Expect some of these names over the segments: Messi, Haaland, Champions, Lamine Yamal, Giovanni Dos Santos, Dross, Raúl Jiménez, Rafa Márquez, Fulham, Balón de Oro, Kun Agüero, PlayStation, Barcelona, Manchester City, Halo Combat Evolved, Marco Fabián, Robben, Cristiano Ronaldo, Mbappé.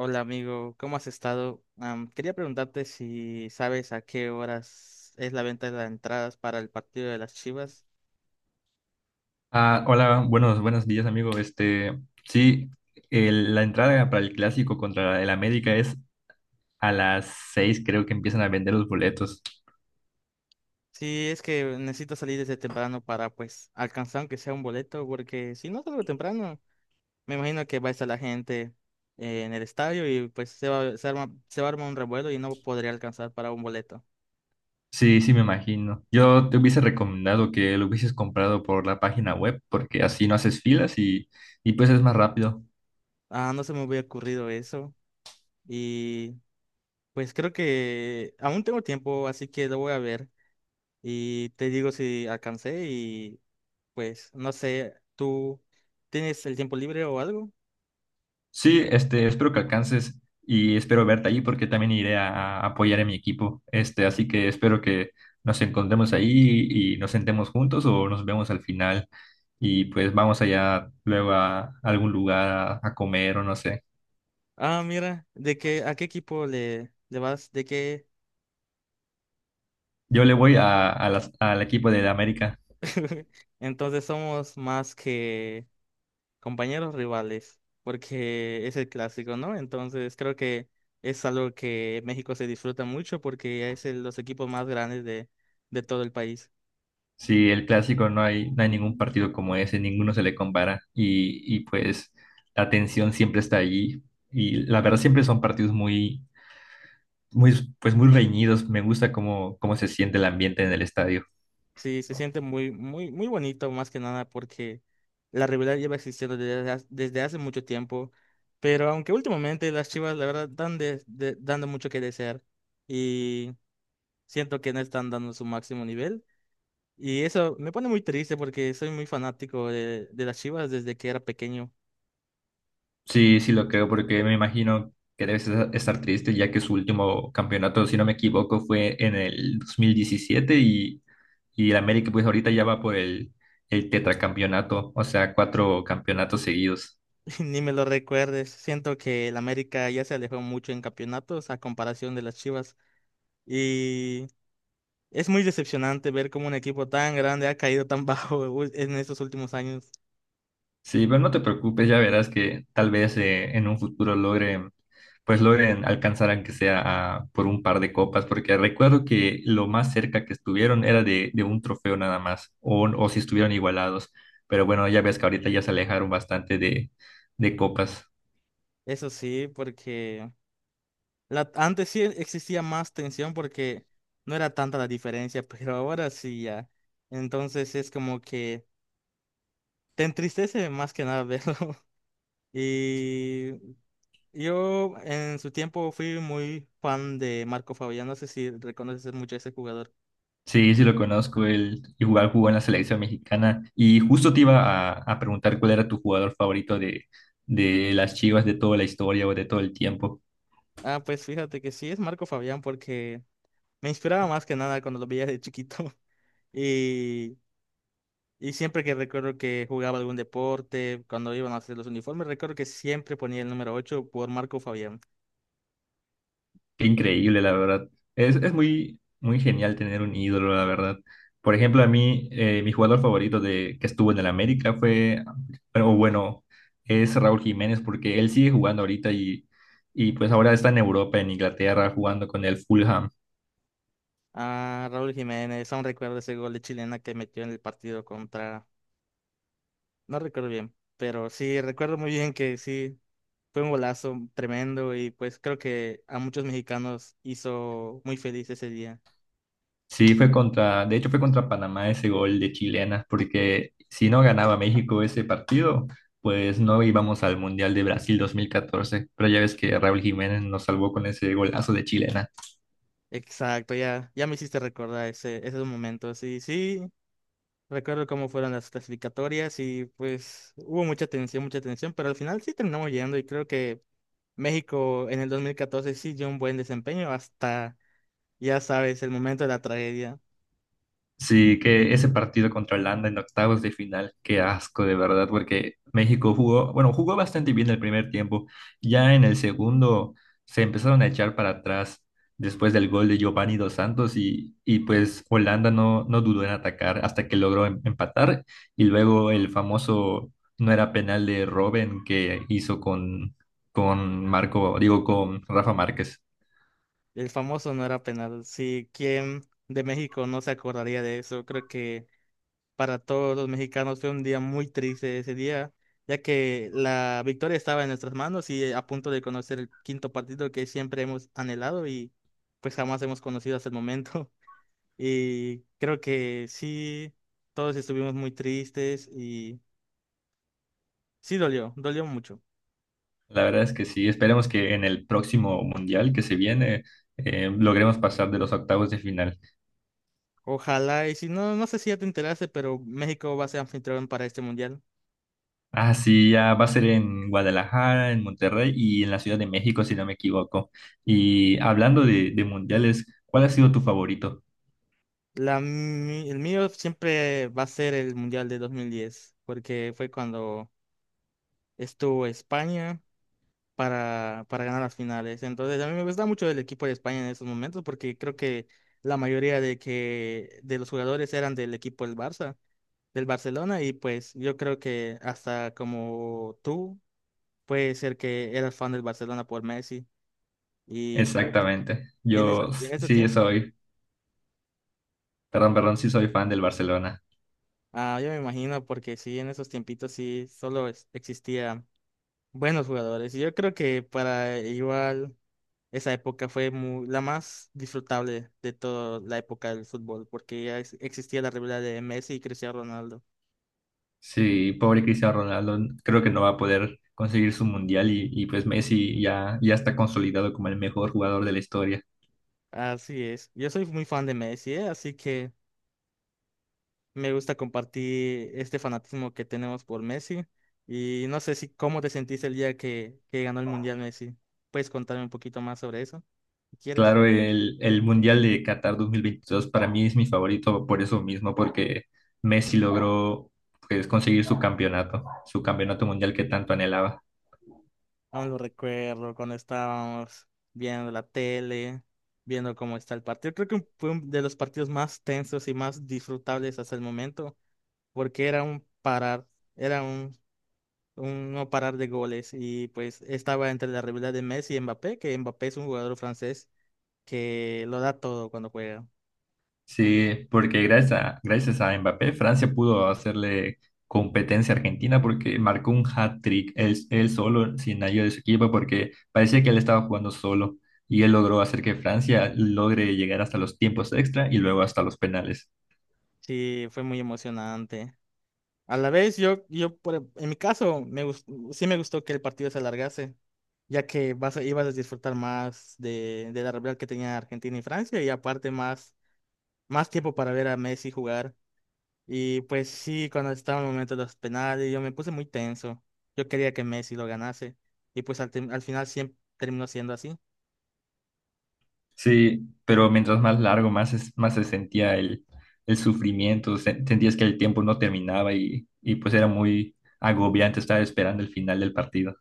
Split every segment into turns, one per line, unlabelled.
Hola amigo, ¿cómo has estado? Quería preguntarte si sabes a qué horas es la venta de las entradas para el partido de las Chivas.
Ah, hola, buenos días, amigo. Este, sí, la entrada para el clásico contra el América es a las 6, creo que empiezan a vender los boletos.
Sí, es que necesito salir desde temprano para pues alcanzar aunque sea un boleto, porque si no salgo temprano, me imagino que va a estar la gente en el estadio y pues se va a armar un revuelo y no podría alcanzar para un boleto.
Sí, sí, me imagino. Yo te hubiese recomendado que lo hubieses comprado por la página web, porque así no haces filas y pues es más rápido.
Ah, no se me hubiera ocurrido eso y pues creo que aún tengo tiempo, así que lo voy a ver. Y te digo si alcancé. Pues no sé, ¿tú tienes el tiempo libre o algo?
Sí, este, espero que alcances y espero verte allí porque también iré a apoyar a mi equipo. Este, así que espero que nos encontremos ahí y nos sentemos juntos o nos vemos al final y pues vamos allá luego a algún lugar a comer o no sé.
Ah, mira, ¿de qué a qué equipo le vas? ¿De qué?
Yo le voy a al equipo de la América.
Entonces somos más que compañeros rivales, porque es el clásico, ¿no? Entonces creo que es algo que México se disfruta mucho porque los equipos más grandes de todo el país.
Sí, el clásico no hay ningún partido como ese, ninguno se le compara y pues la tensión siempre está allí y la verdad siempre son partidos muy reñidos. Me gusta cómo se siente el ambiente en el estadio.
Sí, se siente muy, muy, muy bonito más que nada porque la rivalidad lleva existiendo desde hace mucho tiempo, pero aunque últimamente las Chivas la verdad dando mucho que desear y siento que no están dando su máximo nivel, y eso me pone muy triste porque soy muy fanático de las Chivas desde que era pequeño.
Sí, sí lo creo, porque me imagino que estar triste, ya que su último campeonato, si no me equivoco, fue en el 2017 y el América pues ahorita ya va por el tetracampeonato, o sea, cuatro campeonatos seguidos.
Ni me lo recuerdes, siento que el América ya se alejó mucho en campeonatos a comparación de las Chivas. Y Es muy decepcionante ver cómo un equipo tan grande ha caído tan bajo en estos últimos años.
Sí, pero no te preocupes, ya verás que tal vez en un futuro pues logren alcanzar aunque sea por un par de copas, porque recuerdo que lo más cerca que estuvieron era de un trofeo nada más, o si estuvieron igualados, pero bueno, ya ves que ahorita ya se alejaron bastante de de copas.
Eso sí, porque antes sí existía más tensión porque no era tanta la diferencia, pero ahora sí ya. Entonces es como que te entristece más que nada verlo. Y yo en su tiempo fui muy fan de Marco Fabián. No sé si reconoces mucho a ese jugador.
Sí, sí lo conozco, él igual jugó en la selección mexicana y justo te iba a preguntar cuál era tu jugador favorito de de las Chivas de toda la historia o de todo el tiempo.
Ah, pues fíjate que sí es Marco Fabián porque me inspiraba más que nada cuando lo veía de chiquito. Y Y siempre que recuerdo que jugaba algún deporte, cuando iban a hacer los uniformes, recuerdo que siempre ponía el número 8 por Marco Fabián.
Qué increíble, la verdad. Es muy, muy genial tener un ídolo, la verdad. Por ejemplo, a mí, mi jugador favorito que estuvo en el América fue, o bueno, es Raúl Jiménez, porque él sigue jugando ahorita y pues ahora está en Europa, en Inglaterra, jugando con el Fulham.
Ah, Raúl Jiménez, aún recuerdo ese gol de chilena que metió en el partido contra… No recuerdo bien, pero sí, recuerdo muy bien que sí, fue un golazo tremendo y pues creo que a muchos mexicanos hizo muy feliz ese día.
Sí, de hecho fue contra Panamá ese gol de chilena, porque si no ganaba México ese partido, pues no íbamos al Mundial de Brasil 2014. Pero ya ves que Raúl Jiménez nos salvó con ese golazo de chilena.
Exacto, ya me hiciste recordar esos momentos. Y sí, recuerdo cómo fueron las clasificatorias y pues hubo mucha tensión, pero al final sí terminamos llegando y creo que México en el 2014 sí dio un buen desempeño hasta, ya sabes, el momento de la tragedia.
Sí, que ese partido contra Holanda en octavos de final, qué asco de verdad, porque México jugó, bueno, jugó bastante bien el primer tiempo, ya en el segundo se empezaron a echar para atrás después del gol de Giovanni Dos Santos y pues Holanda no dudó en atacar hasta que logró empatar y luego el famoso no era penal de Robben que hizo con con Rafa Márquez.
El famoso no era penal. Sí, ¿quién de México no se acordaría de eso? Creo que para todos los mexicanos fue un día muy triste ese día, ya que la victoria estaba en nuestras manos y a punto de conocer el quinto partido que siempre hemos anhelado y pues jamás hemos conocido hasta el momento. Y creo que sí, todos estuvimos muy tristes y sí dolió, dolió mucho.
La verdad es que sí, esperemos que en el próximo mundial que se viene logremos pasar de los octavos de final.
Ojalá, y si no, no sé si ya te enteraste, pero México va a ser anfitrión para este mundial.
Ah, sí, ya va a ser en Guadalajara, en Monterrey y en la Ciudad de México, si no me equivoco. Y hablando de mundiales, ¿cuál ha sido tu favorito?
El mío siempre va a ser el mundial de 2010, porque fue cuando estuvo España para ganar las finales. Entonces, a mí me gusta mucho el equipo de España en esos momentos, porque creo que la mayoría de los jugadores eran del equipo del Barça, del Barcelona, y pues yo creo que hasta como tú puede ser que eras fan del Barcelona por Messi y pues
Exactamente. Yo
en
s-
esos
sí
tiempos,
soy, perdón, perdón, sí soy fan del Barcelona.
ah, yo me imagino porque sí, en esos tiempitos sí solo existían buenos jugadores y yo creo que para igual esa época fue la más disfrutable de toda la época del fútbol porque ya existía la rivalidad de Messi y Cristiano Ronaldo.
Sí, pobre Cristiano Ronaldo, creo que no va a poder conseguir su mundial y pues Messi ya está consolidado como el mejor jugador de la historia.
Así es, yo soy muy fan de Messi, ¿eh? Así que… me gusta compartir este fanatismo que tenemos por Messi. Y no sé si cómo te sentiste el día que ganó el Mundial Messi. ¿Puedes contarme un poquito más sobre eso? Si quieres.
Claro, el Mundial de Qatar 2022 para mí es mi favorito por eso mismo, porque Messi logró pues, conseguir su campeonato mundial que tanto anhelaba.
Aún lo recuerdo cuando estábamos viendo la tele, viendo cómo está el partido. Creo que fue de los partidos más tensos y más disfrutables hasta el momento, porque era un parar, era un no parar de goles. Y pues estaba entre la rivalidad de Messi y Mbappé, que Mbappé es un jugador francés que lo da todo cuando juega.
Sí, porque gracias a Mbappé, Francia pudo hacerle competencia a Argentina porque marcó un hat-trick él solo, sin ayuda de su equipo, porque parecía que él estaba jugando solo y él logró hacer que Francia logre llegar hasta los tiempos extra y luego hasta los penales.
Sí, fue muy emocionante. A la vez, yo por, en mi caso, sí me gustó que el partido se alargase, ya que ibas a disfrutar más de la rivalidad que tenía Argentina y Francia, y aparte más, más tiempo para ver a Messi jugar. Y pues sí, cuando estaba en el momento de los penales, yo me puse muy tenso. Yo quería que Messi lo ganase, y pues al final siempre terminó siendo así.
Sí, pero mientras más largo, más se sentía el sufrimiento, sentías que el tiempo no terminaba y pues era muy agobiante estar esperando el final del partido.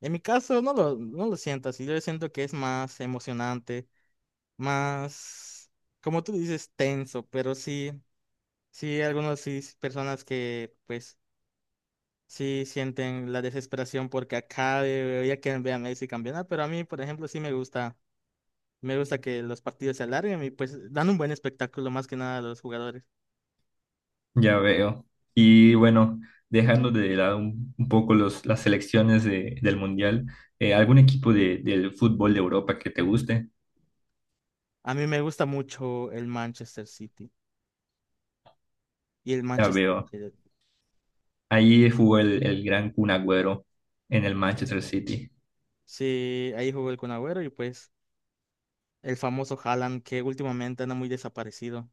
En mi caso, no lo siento así, yo siento que es más emocionante más, como tú dices, tenso, pero sí, sí, algunos sí, personas que pues sí sienten la desesperación porque acá ya quieren ver a Messi campeonar, pero a mí, por ejemplo, sí me gusta que los partidos se alarguen y pues dan un buen espectáculo más que nada a los jugadores.
Ya veo. Y bueno, dejando de lado un poco las selecciones del Mundial, ¿algún equipo del fútbol de Europa que te guste?
A mí me gusta mucho el Manchester City y el
Ya
Manchester
veo.
United.
Ahí jugó el gran Kun Agüero en el Manchester City.
Sí, ahí jugó el Kun Agüero y pues el famoso Haaland, que últimamente anda muy desaparecido.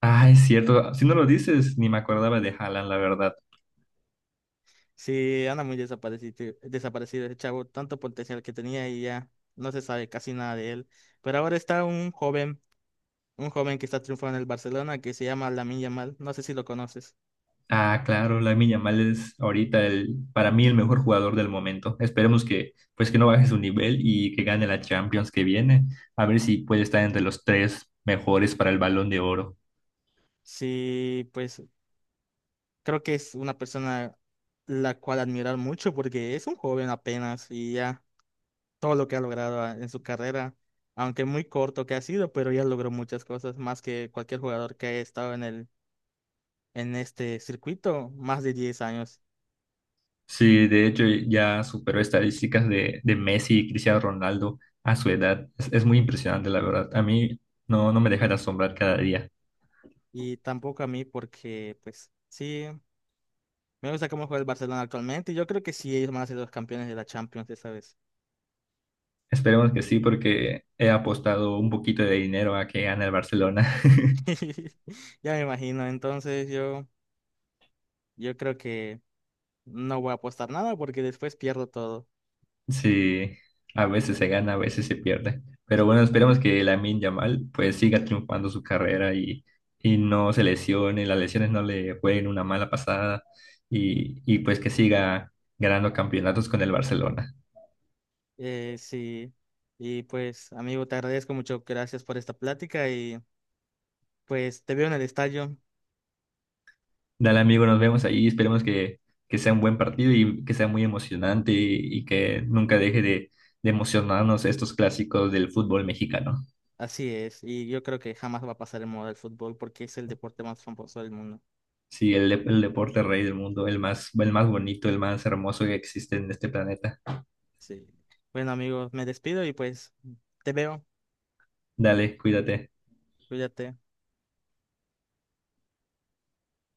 Ah, es cierto. Si no lo dices, ni me acordaba de Haaland, la verdad.
Sí, anda muy desaparecido, desaparecido ese chavo, tanto potencial que tenía y ya no se sabe casi nada de él. Pero ahora está un joven que está triunfando en el Barcelona que se llama Lamine Yamal, no sé si lo conoces.
Ah, claro, Lamine Yamal es ahorita para mí el mejor jugador del momento. Esperemos que, pues, que no baje su nivel y que gane la Champions que viene. A ver si puede estar entre los tres mejores para el Balón de Oro.
Sí, pues creo que es una persona la cual admirar mucho porque es un joven apenas y ya todo lo que ha logrado en su carrera, aunque muy corto que ha sido, pero ya logró muchas cosas, más que cualquier jugador que haya estado en el, en este circuito, más de 10 años.
Sí, de hecho ya superó estadísticas de Messi y Cristiano Ronaldo a su edad. Es muy impresionante, la verdad. A mí no me deja de asombrar cada día.
Y tampoco a mí porque, pues, sí, me gusta cómo juega el Barcelona actualmente y yo creo que sí, ellos van a ser los campeones de la Champions esta vez.
Esperemos que sí, porque he apostado un poquito de dinero a que gane el Barcelona.
Ya me imagino, entonces yo creo que no voy a apostar nada porque después pierdo todo.
Sí, a veces se gana, a veces se pierde. Pero bueno, esperemos que Lamine Yamal pues siga triunfando su carrera y no se lesione, las lesiones no le jueguen una mala pasada y pues que siga ganando campeonatos con el Barcelona.
Sí, y pues, amigo, te agradezco mucho, gracias por esta plática y pues te veo en el estadio.
Dale amigo, nos vemos ahí, que sea un buen partido y que sea muy emocionante y que nunca deje de emocionarnos estos clásicos del fútbol mexicano.
Así es, y yo creo que jamás va a pasar en moda el fútbol porque es el deporte más famoso del mundo.
Sí, el deporte rey del mundo, el más bonito, el más hermoso que existe en este planeta.
Sí. Bueno, amigo, me despido y pues te veo,
Dale, cuídate.
cuídate.